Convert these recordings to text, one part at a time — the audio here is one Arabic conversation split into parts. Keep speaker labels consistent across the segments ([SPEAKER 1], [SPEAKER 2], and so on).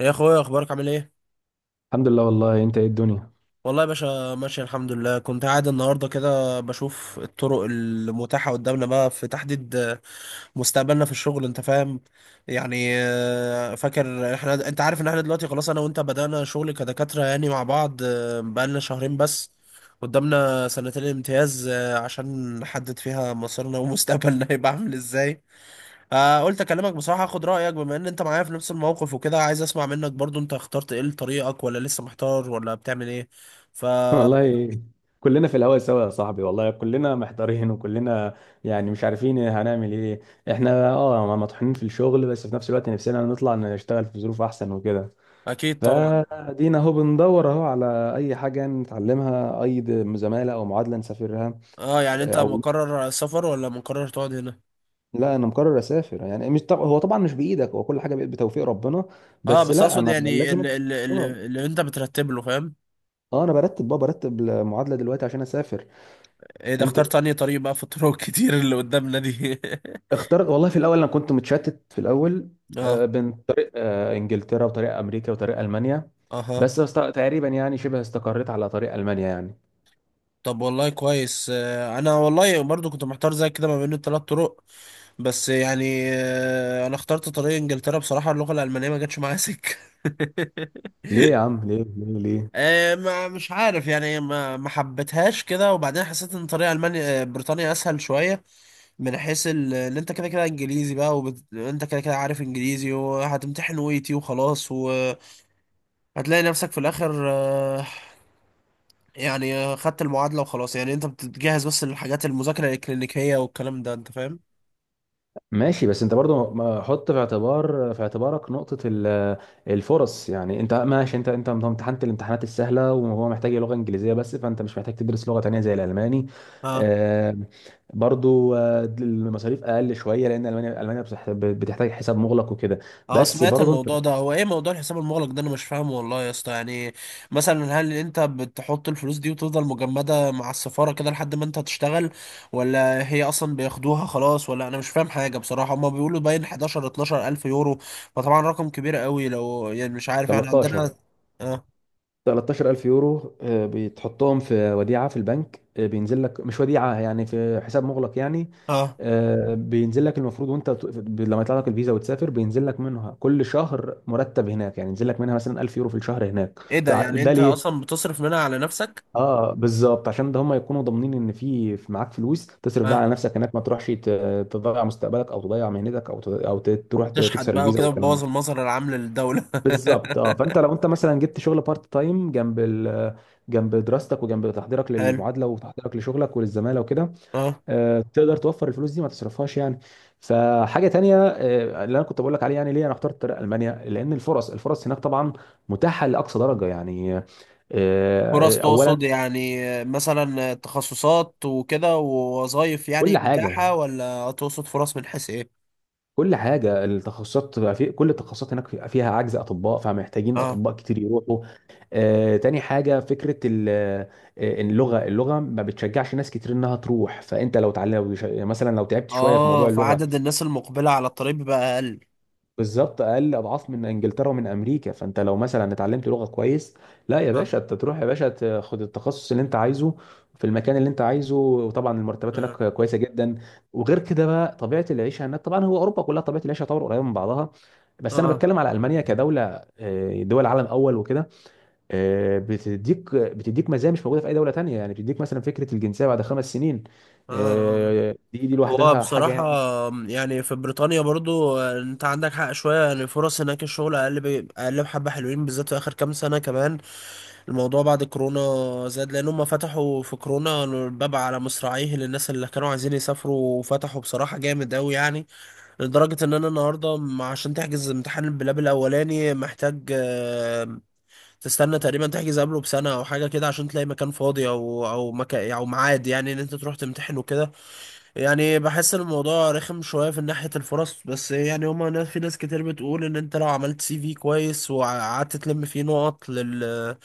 [SPEAKER 1] يا اخويا، اخبارك عامل ايه؟
[SPEAKER 2] الحمد لله والله. انت ايه الدنيا؟
[SPEAKER 1] والله يا باشا ماشي الحمد لله. كنت قاعد النهارده كده بشوف الطرق المتاحه قدامنا بقى في تحديد مستقبلنا في الشغل، انت فاهم يعني. فاكر احنا، انت عارف ان احنا دلوقتي خلاص انا وانت بدأنا شغل كدكاتره يعني مع بعض، بقالنا شهرين بس. قدامنا سنتين امتياز عشان نحدد فيها مصيرنا ومستقبلنا. هيبقى عامل ازاي؟ قلت اكلمك بصراحه اخد رايك، بما ان انت معايا في نفس الموقف وكده، عايز اسمع منك برضو انت اخترت ايه لطريقك، ولا لسه محتار، ولا بتعمل ايه؟ فاكيد.
[SPEAKER 2] والله كلنا في الهوا سوا يا صاحبي، والله كلنا محتارين وكلنا يعني مش عارفين هنعمل ايه. احنا مطحونين في الشغل، بس في نفس الوقت نفسنا نطلع نشتغل في ظروف احسن وكده.
[SPEAKER 1] طبعا.
[SPEAKER 2] فدينا اهو بندور اهو على اي حاجة نتعلمها، اي زمالة او معادلة نسافرها.
[SPEAKER 1] اه يعني انت
[SPEAKER 2] او
[SPEAKER 1] مقرر سفر ولا مقرر تقعد هنا؟
[SPEAKER 2] لا، انا مقرر اسافر، يعني مش طب... هو طبعا مش بايدك، هو كل حاجة بقت بتوفيق ربنا.
[SPEAKER 1] اه
[SPEAKER 2] بس
[SPEAKER 1] بس
[SPEAKER 2] لا،
[SPEAKER 1] اقصد
[SPEAKER 2] انا
[SPEAKER 1] يعني
[SPEAKER 2] لازم.
[SPEAKER 1] اللي, اللي,
[SPEAKER 2] اه،
[SPEAKER 1] اللي, اللي انت بترتب له، فاهم.
[SPEAKER 2] انا برتب بقى، برتب المعادلة دلوقتي عشان اسافر.
[SPEAKER 1] ايه ده،
[SPEAKER 2] انت
[SPEAKER 1] اخترت انهي طريق بقى في الطرق الكتير اللي قدامنا دي؟
[SPEAKER 2] اختار والله. في الاول انا كنت متشتت في الاول،
[SPEAKER 1] اه.
[SPEAKER 2] بين طريق انجلترا وطريق امريكا وطريق المانيا،
[SPEAKER 1] اها.
[SPEAKER 2] بس تقريبا يعني شبه استقريت على طريق المانيا يعني.
[SPEAKER 1] طب والله كويس. انا والله برضو كنت محتار زي كده ما بين الثلاث طرق، بس يعني انا اخترت طريق انجلترا بصراحة. اللغة الألمانية ما جاتش معايا سكة.
[SPEAKER 2] ليه يا عم؟ ليه؟ ليه؟ ليه؟
[SPEAKER 1] ما مش عارف يعني ما حبيتهاش كده، وبعدين حسيت ان طريق المانيا، بريطانيا اسهل شوية من حيث ان انت كده كده انجليزي بقى، وانت كده كده عارف انجليزي، وهتمتحن ويتي وخلاص، وهتلاقي نفسك في الاخر يعني خدت المعادلة وخلاص، يعني انت بتجهز بس للحاجات المذاكرة الإلكترونيكية والكلام ده، انت فاهم.
[SPEAKER 2] ماشي، بس انت برضو حط في اعتبارك نقطة الفرص. يعني انت ماشي، انت امتحنت الامتحانات السهلة وهو محتاج لغة انجليزية بس، فانت مش محتاج تدرس لغة تانية زي الالماني.
[SPEAKER 1] اه.
[SPEAKER 2] آه، برضو المصاريف اقل شوية، لان المانيا بتحتاج حساب مغلق وكده.
[SPEAKER 1] اه
[SPEAKER 2] بس
[SPEAKER 1] سمعت
[SPEAKER 2] برضه انت،
[SPEAKER 1] الموضوع ده. هو ايه موضوع الحساب المغلق ده؟ انا مش فاهمه والله يا اسطى يعني. مثلا هل انت بتحط الفلوس دي وتفضل مجمدة مع السفارة كده لحد ما انت تشتغل، ولا هي اصلا بياخدوها خلاص؟ ولا انا مش فاهم حاجة بصراحة. هما بيقولوا باين 11 12 الف يورو، فطبعا رقم كبير قوي لو يعني، مش عارف احنا عندنا.
[SPEAKER 2] 13،
[SPEAKER 1] اه.
[SPEAKER 2] 13000 يورو، بتحطهم في وديعة في البنك. بينزل لك، مش وديعة يعني، في حساب مغلق يعني.
[SPEAKER 1] اه.
[SPEAKER 2] بينزل لك المفروض، وانت لما يطلع لك الفيزا وتسافر، بينزل لك منها كل شهر مرتب هناك، يعني ينزل لك منها مثلا 1000 يورو في الشهر هناك.
[SPEAKER 1] ايه ده، يعني
[SPEAKER 2] ده
[SPEAKER 1] انت
[SPEAKER 2] ليه؟
[SPEAKER 1] اصلا بتصرف منها على نفسك؟
[SPEAKER 2] اه، بالظبط، عشان ده هم يكونوا ضامنين ان في معاك فلوس تصرف بقى على نفسك هناك، ما تروحش تضيع مستقبلك او تضيع مهنتك، او تروح
[SPEAKER 1] تشحت
[SPEAKER 2] تكسر
[SPEAKER 1] بقى
[SPEAKER 2] الفيزا
[SPEAKER 1] وكده،
[SPEAKER 2] والكلام ده.
[SPEAKER 1] بتبوظ المظهر العام للدولة.
[SPEAKER 2] بالظبط، اه، فانت لو انت مثلا جبت شغل بارت تايم جنب جنب دراستك وجنب تحضيرك
[SPEAKER 1] حلو.
[SPEAKER 2] للمعادله وتحضيرك لشغلك وللزماله وكده،
[SPEAKER 1] اه.
[SPEAKER 2] تقدر توفر الفلوس دي ما تصرفهاش يعني. فحاجه تانية اللي انا كنت بقول لك عليه يعني ليه انا اخترت طريق المانيا، لان الفرص هناك طبعا متاحه لاقصى درجه يعني.
[SPEAKER 1] فرص
[SPEAKER 2] اولا،
[SPEAKER 1] تقصد يعني مثلا تخصصات وكده ووظائف يعني
[SPEAKER 2] كل حاجه
[SPEAKER 1] متاحة، ولا تقصد فرص من حيث ايه؟
[SPEAKER 2] كل حاجه التخصصات بقى، في كل التخصصات هناك فيها عجز اطباء، فمحتاجين
[SPEAKER 1] اه.
[SPEAKER 2] اطباء كتير يروحوا. تاني حاجه، فكره اللغه ما بتشجعش ناس كتير انها تروح، فانت لو تعلم مثلا، لو تعبت شويه في
[SPEAKER 1] اه
[SPEAKER 2] موضوع اللغه.
[SPEAKER 1] فعدد الناس المقبلة على الطريق بقى أقل.
[SPEAKER 2] بالظبط، اقل اضعاف من انجلترا ومن امريكا. فانت لو مثلا اتعلمت لغه كويس، لا يا
[SPEAKER 1] اه.
[SPEAKER 2] باشا، انت تروح يا باشا تاخد التخصص اللي انت عايزه في المكان اللي انت عايزه، وطبعا المرتبات
[SPEAKER 1] اه.
[SPEAKER 2] هناك كويسه جدا. وغير كده بقى، طبيعه العيشه هناك، طبعا هو اوروبا كلها طبيعه العيشه طبعا قريبه من بعضها، بس انا
[SPEAKER 1] اه.
[SPEAKER 2] بتكلم على المانيا كدوله، دول عالم اول وكده. بتديك مزايا مش موجوده في اي دوله تانية، يعني بتديك مثلا فكره الجنسيه بعد خمس سنين.
[SPEAKER 1] اه. آه.
[SPEAKER 2] دي
[SPEAKER 1] هو
[SPEAKER 2] لوحدها حاجه
[SPEAKER 1] بصراحة
[SPEAKER 2] يعني.
[SPEAKER 1] يعني في بريطانيا برضو انت عندك حق شوية. يعني فرص هناك الشغل أقل أقل بحبة حلوين، بالذات في آخر كام سنة. كمان الموضوع بعد كورونا زاد، لان هم فتحوا في كورونا الباب على مصراعيه للناس اللي كانوا عايزين يسافروا، وفتحوا بصراحة جامد قوي يعني، لدرجة ان انا النهاردة عشان تحجز امتحان البلاب الاولاني محتاج تستنى تقريبا تحجز قبله بسنة او حاجة كده عشان تلاقي مكان فاضي، او مكان او ميعاد، يعني ان انت تروح تمتحن وكده. يعني بحس ان الموضوع رخم شويه في ناحيه الفرص، بس يعني هما ناس، في ناس كتير بتقول ان انت لو عملت سي في كويس وقعدت تلم فيه نقط لل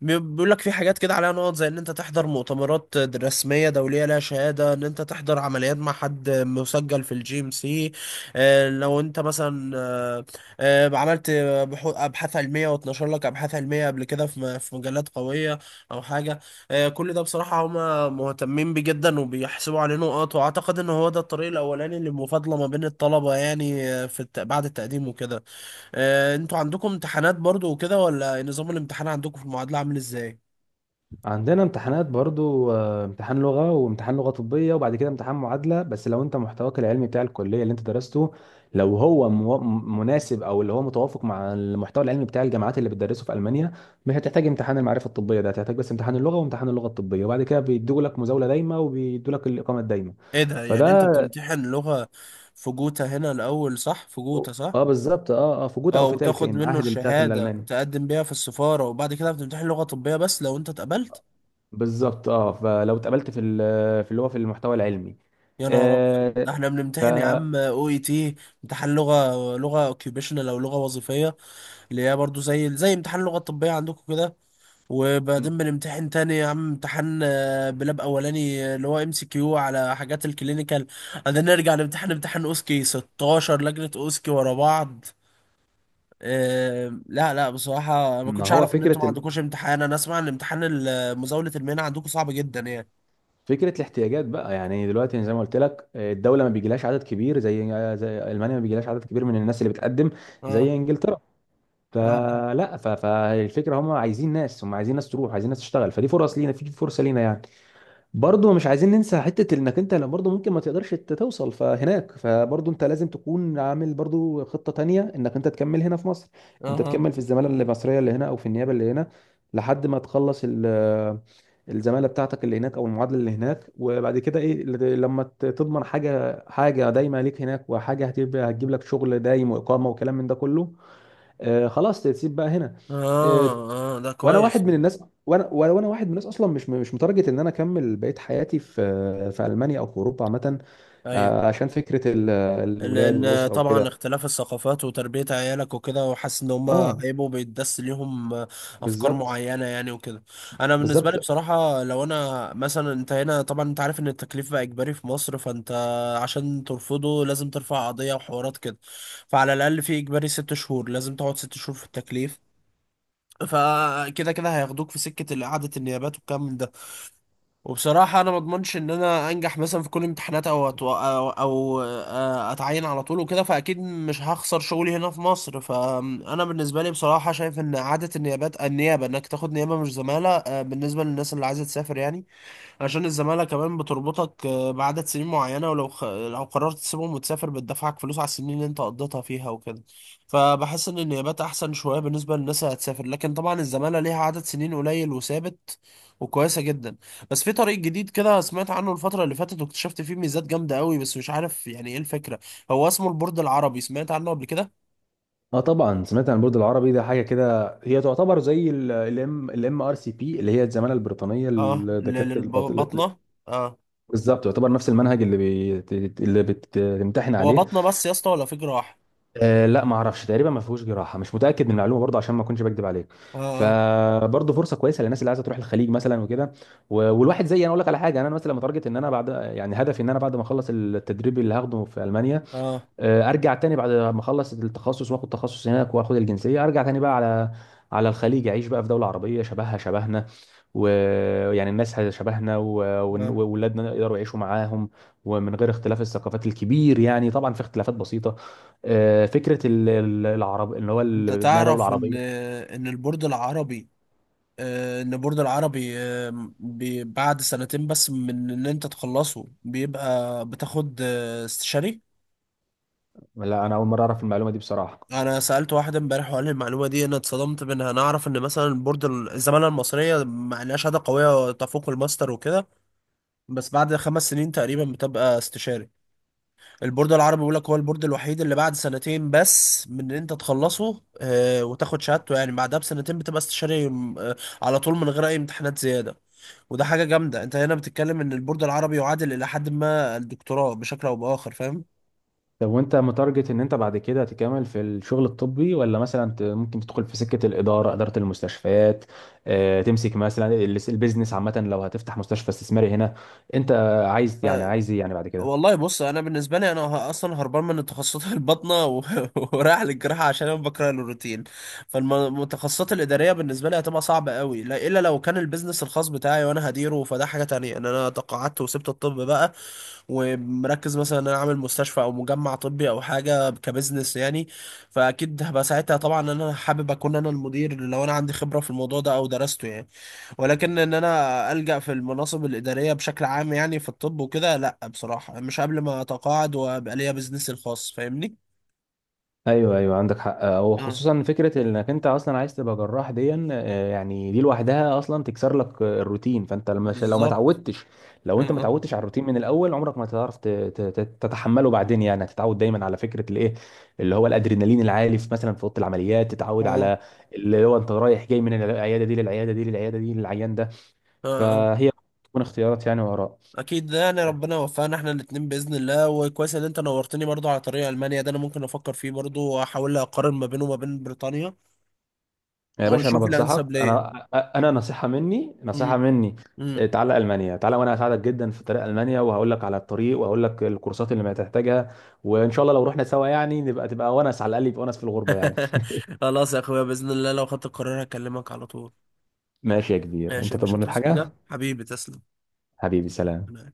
[SPEAKER 1] بيقول لك في حاجات كده عليها نقط، زي ان انت تحضر مؤتمرات رسميه دوليه لها شهاده، ان انت تحضر عمليات مع حد مسجل في الجي ام سي، لو انت مثلا آه، عملت ابحاث علميه، واتنشر لك ابحاث علميه قبل كده في في مجلات قويه او حاجه، كل ده بصراحة هما مهتمين بيه جدا، وبيحسبوا عليه نقط. وأعتقد إن هو ده الطريق الأولاني للمفاضلة ما بين الطلبة، يعني في بعد التقديم وكده. أنتوا عندكم امتحانات برضو وكده، ولا نظام الامتحان عندكم في المعادلة عامل إزاي؟
[SPEAKER 2] عندنا امتحانات برضو، امتحان لغة وامتحان لغة طبية، وبعد كده امتحان معادلة. بس لو انت محتواك العلمي بتاع الكلية اللي انت درسته، لو هو مناسب او اللي هو متوافق مع المحتوى العلمي بتاع الجامعات اللي بتدرسه في ألمانيا، مش هتحتاج امتحان المعرفة الطبية ده، هتحتاج بس امتحان اللغة وامتحان اللغة الطبية، وبعد كده بيدوا لك مزاولة دايمة وبيدوا لك الإقامة الدايمة.
[SPEAKER 1] إيه ده، يعني أنت
[SPEAKER 2] فده
[SPEAKER 1] بتمتحن لغة في جوتا هنا الأول، صح؟ في جوتا صح؟
[SPEAKER 2] اه، بالظبط، اه، اه، في جوتا
[SPEAKER 1] أه،
[SPEAKER 2] او في تالكا،
[SPEAKER 1] وتاخد منه
[SPEAKER 2] المعاهد اللي بتاعت
[SPEAKER 1] الشهادة
[SPEAKER 2] الالماني.
[SPEAKER 1] تقدم بيها في السفارة، وبعد كده بتمتحن لغة طبية بس لو أنت اتقبلت.
[SPEAKER 2] بالظبط، اه، فلو اتقبلت في في اللي هو في المحتوى العلمي.
[SPEAKER 1] يا نهار أبيض،
[SPEAKER 2] آه،
[SPEAKER 1] ده إحنا
[SPEAKER 2] ف
[SPEAKER 1] بنمتحن يا عم أو إي تي، امتحان لغة، لغة اوكيوبيشنال أو لغة وظيفية، اللي هي برضو زي زي امتحان لغة طبية عندكم كده. وبعدين بنمتحن تاني يا عم امتحان بلاب اولاني، اللي هو ام سي كيو على حاجات الكلينيكال. بعدين نرجع نمتحن امتحان اوسكي، 16 لجنة اوسكي ورا بعض. لا لا بصراحة ما
[SPEAKER 2] ما
[SPEAKER 1] كنتش
[SPEAKER 2] هو
[SPEAKER 1] اعرف ان انتوا ما
[SPEAKER 2] فكره
[SPEAKER 1] عندكوش امتحان. انا اسمع ان امتحان مزاولة المهنة عندكم صعب جدا يعني.
[SPEAKER 2] فكره الاحتياجات بقى، يعني دلوقتي زي ما قلت لك، الدوله ما بيجيلهاش عدد كبير، زي المانيا، ما بيجيلهاش عدد كبير من الناس اللي بتقدم
[SPEAKER 1] اه.
[SPEAKER 2] زي انجلترا.
[SPEAKER 1] اه.
[SPEAKER 2] فلا، فالفكره هم عايزين ناس، هم عايزين ناس تروح، عايزين ناس تشتغل، فدي فرص لينا، في فرصه لينا يعني. برضه مش عايزين ننسى حته انك انت لو برضه ممكن ما تقدرش توصل فهناك، فبرضه انت لازم تكون عامل برضه خطه تانيه انك انت تكمل هنا في مصر، انت
[SPEAKER 1] اه.
[SPEAKER 2] تكمل في الزماله المصريه اللي هنا او في النيابه اللي هنا لحد ما تخلص الزماله بتاعتك اللي هناك او المعادله اللي هناك، وبعد كده ايه، لما تضمن حاجه، حاجه دايمه ليك هناك، وحاجه هتجيب لك شغل دايم واقامه وكلام من ده كله، آه، خلاص تسيب بقى هنا. آه.
[SPEAKER 1] اه. اه ده
[SPEAKER 2] وانا
[SPEAKER 1] كويس.
[SPEAKER 2] واحد من الناس، وانا وانا وأنا واحد من الناس اصلا مش متارجت ان انا اكمل بقيه حياتي في المانيا او في اوروبا عامه.
[SPEAKER 1] ايوه.
[SPEAKER 2] آه، عشان فكره الولاد
[SPEAKER 1] لان
[SPEAKER 2] والاسره وكده.
[SPEAKER 1] طبعا اختلاف الثقافات وتربية عيالك وكده، وحاسس ان هما
[SPEAKER 2] اه،
[SPEAKER 1] هيبقوا بيتدس ليهم افكار
[SPEAKER 2] بالظبط،
[SPEAKER 1] معينة يعني وكده. انا بالنسبة لي
[SPEAKER 2] بالظبط،
[SPEAKER 1] بصراحة، لو انا مثلا، انت هنا طبعا انت عارف ان التكليف بقى اجباري في مصر، فانت عشان ترفضه لازم ترفع قضية وحوارات كده. فعلى الاقل في اجباري 6 شهور، لازم تقعد 6 شهور في التكليف. فكده كده هياخدوك في سكة إعادة النيابات والكلام من ده. وبصراحة أنا ما أضمنش إن أنا أنجح مثلا في كل الامتحانات، أو أتو... أو, أو آه، أتعين على طول وكده. فأكيد مش هخسر شغلي هنا في مصر. فأنا بالنسبة لي بصراحة شايف إن إعادة النيابات، النيابة إنك تاخد نيابة مش زمالة، بالنسبة للناس اللي عايزة تسافر يعني. عشان الزمالة كمان بتربطك بعدد سنين معينة، ولو لو قررت تسيبهم وتسافر بتدفعك فلوس على السنين اللي انت قضيتها فيها وكده. فبحس ان النيابات احسن شوية بالنسبة للناس اللي هتسافر. لكن طبعا الزمالة ليها عدد سنين قليل وثابت، وكويسة جدا. بس في طريق جديد كده سمعت عنه الفترة اللي فاتت، واكتشفت فيه ميزات جامدة قوي، بس مش عارف يعني ايه الفكرة. هو اسمه البورد العربي، سمعت عنه قبل كده؟
[SPEAKER 2] اه، طبعا سمعت عن البرج العربي ده، حاجه كده هي تعتبر زي الام، الام ار سي بي، اللي هي الزماله البريطانيه
[SPEAKER 1] اه
[SPEAKER 2] لدكاتره الباطنه.
[SPEAKER 1] للبطنة. اه.
[SPEAKER 2] بالظبط، تعتبر نفس المنهج اللي بتمتحن
[SPEAKER 1] هو
[SPEAKER 2] عليه.
[SPEAKER 1] بطنة بس يا اسطى ولا في جراح؟
[SPEAKER 2] آه، لا، ما اعرفش، تقريبا ما فيهوش جراحه، مش متاكد من المعلومه برضه عشان ما اكونش بكذب عليك.
[SPEAKER 1] اه.
[SPEAKER 2] فبرضه فرصه كويسه للناس اللي عايزه تروح الخليج مثلا وكده. والواحد زي انا، اقول لك على حاجه. انا مثلا متارجت ان انا بعد يعني هدفي ان انا بعد ما اخلص التدريب اللي هاخده في المانيا،
[SPEAKER 1] اه.
[SPEAKER 2] ارجع تاني بعد ما اخلص التخصص واخد تخصص هناك واخد الجنسيه، ارجع تاني بقى على الخليج، اعيش بقى في دوله عربيه شبهها شبهنا، ويعني الناس شبهنا
[SPEAKER 1] اه.
[SPEAKER 2] واولادنا يقدروا يعيشوا معاهم ومن غير اختلاف الثقافات الكبير. يعني طبعا في اختلافات بسيطه، فكره العرب، ان هو
[SPEAKER 1] انت
[SPEAKER 2] انها دوله
[SPEAKER 1] تعرف ان
[SPEAKER 2] عربيه.
[SPEAKER 1] ان البورد العربي، ان البورد العربي بعد سنتين بس من ان انت تخلصه بيبقى بتاخد استشاري.
[SPEAKER 2] لا، انا اول مره اعرف المعلومه دي بصراحه.
[SPEAKER 1] انا سألت واحد امبارح وقال لي المعلومة دي، انا اتصدمت منها. انا اعرف ان مثلا البورد الزمالة المصرية، مع انها شهادة قوية تفوق الماستر وكده، بس بعد 5 سنين تقريبا بتبقى استشاري. البورد العربي بيقول لك هو البورد الوحيد اللي بعد سنتين بس من ان انت تخلصه وتاخد شهادته، يعني بعدها بسنتين بتبقى استشاري على طول من غير اي امتحانات زياده. وده حاجه جامده. انت هنا بتتكلم ان البورد العربي يعادل الى حد ما الدكتوراه بشكل او باخر، فاهم.
[SPEAKER 2] طب وانت متارجت ان انت بعد كده تكمل في الشغل الطبي، ولا مثلا ممكن تدخل في سكة الإدارة، إدارة المستشفيات؟ اه، تمسك مثلا البيزنس عامة لو هتفتح مستشفى استثماري هنا. انت عايز يعني،
[SPEAKER 1] آه،
[SPEAKER 2] عايز ايه يعني بعد كده؟
[SPEAKER 1] والله بص، انا بالنسبه لي انا اصلا هربان من تخصصات البطنه ورايح للجراحه عشان انا بكره الروتين. فالمتخصصات الاداريه بالنسبه لي هتبقى صعبه قوي، لا الا لو كان البيزنس الخاص بتاعي وانا هديره، فده حاجه تانية ان انا تقاعدت وسبت الطب بقى، ومركز مثلا ان انا عامل مستشفى او مجمع طبي او حاجه كبزنس يعني. فاكيد هبقى ساعتها طبعا ان انا حابب اكون انا المدير، لو انا عندي خبره في الموضوع ده او درسته يعني. ولكن ان انا الجا في المناصب الاداريه بشكل عام يعني في الطب وكده، لا بصراحه، مش قبل ما اتقاعد وابقى ليا بزنسي الخاص، فاهمني.
[SPEAKER 2] ايوه، ايوه، عندك حق،
[SPEAKER 1] اه
[SPEAKER 2] وخصوصا فكره انك انت اصلا عايز تبقى جراح دي، يعني دي لوحدها اصلا تكسر لك الروتين. فانت لما، لو ما
[SPEAKER 1] بالظبط.
[SPEAKER 2] اتعودتش، لو انت ما
[SPEAKER 1] اه.
[SPEAKER 2] اتعودتش على الروتين من الاول، عمرك ما هتعرف تتحمله بعدين، يعني هتتعود دايما على فكره الايه، اللي هو الادرينالين العالي في مثلا في اوضه العمليات، تتعود
[SPEAKER 1] آه.
[SPEAKER 2] على اللي هو انت رايح جاي من العياده دي للعياده دي للعياده دي للعيان ده،
[SPEAKER 1] اه. اه
[SPEAKER 2] فهي تكون اختيارات يعني وراء.
[SPEAKER 1] اكيد. ده يعني ربنا وفقنا احنا الاتنين باذن الله. وكويس ان انت نورتني برضو على طريق المانيا ده، انا ممكن افكر فيه برضو واحاول اقارن ما بينه وما بين بريطانيا
[SPEAKER 2] يا باشا، انا
[SPEAKER 1] واشوف
[SPEAKER 2] بنصحك،
[SPEAKER 1] الانسب ليا.
[SPEAKER 2] انا نصيحه مني، نصيحه
[SPEAKER 1] امم.
[SPEAKER 2] مني. إيه،
[SPEAKER 1] امم.
[SPEAKER 2] تعالى المانيا، تعالى، وانا هساعدك جدا في طريق المانيا، وهقول لك على الطريق، وهقول لك الكورسات اللي ما تحتاجها، وان شاء الله لو رحنا سوا، يعني تبقى ونس، على الاقل يبقى ونس في الغربه يعني.
[SPEAKER 1] خلاص يا اخويا، باذن الله لو خدت القرار هكلمك على طول.
[SPEAKER 2] ماشي يا كبير، انت
[SPEAKER 1] ماشي يا باشا،
[SPEAKER 2] تطمني
[SPEAKER 1] توصي
[SPEAKER 2] الحاجه.
[SPEAKER 1] حاجه؟ حبيبي تسلم.
[SPEAKER 2] حبيبي، سلام.
[SPEAKER 1] أنا-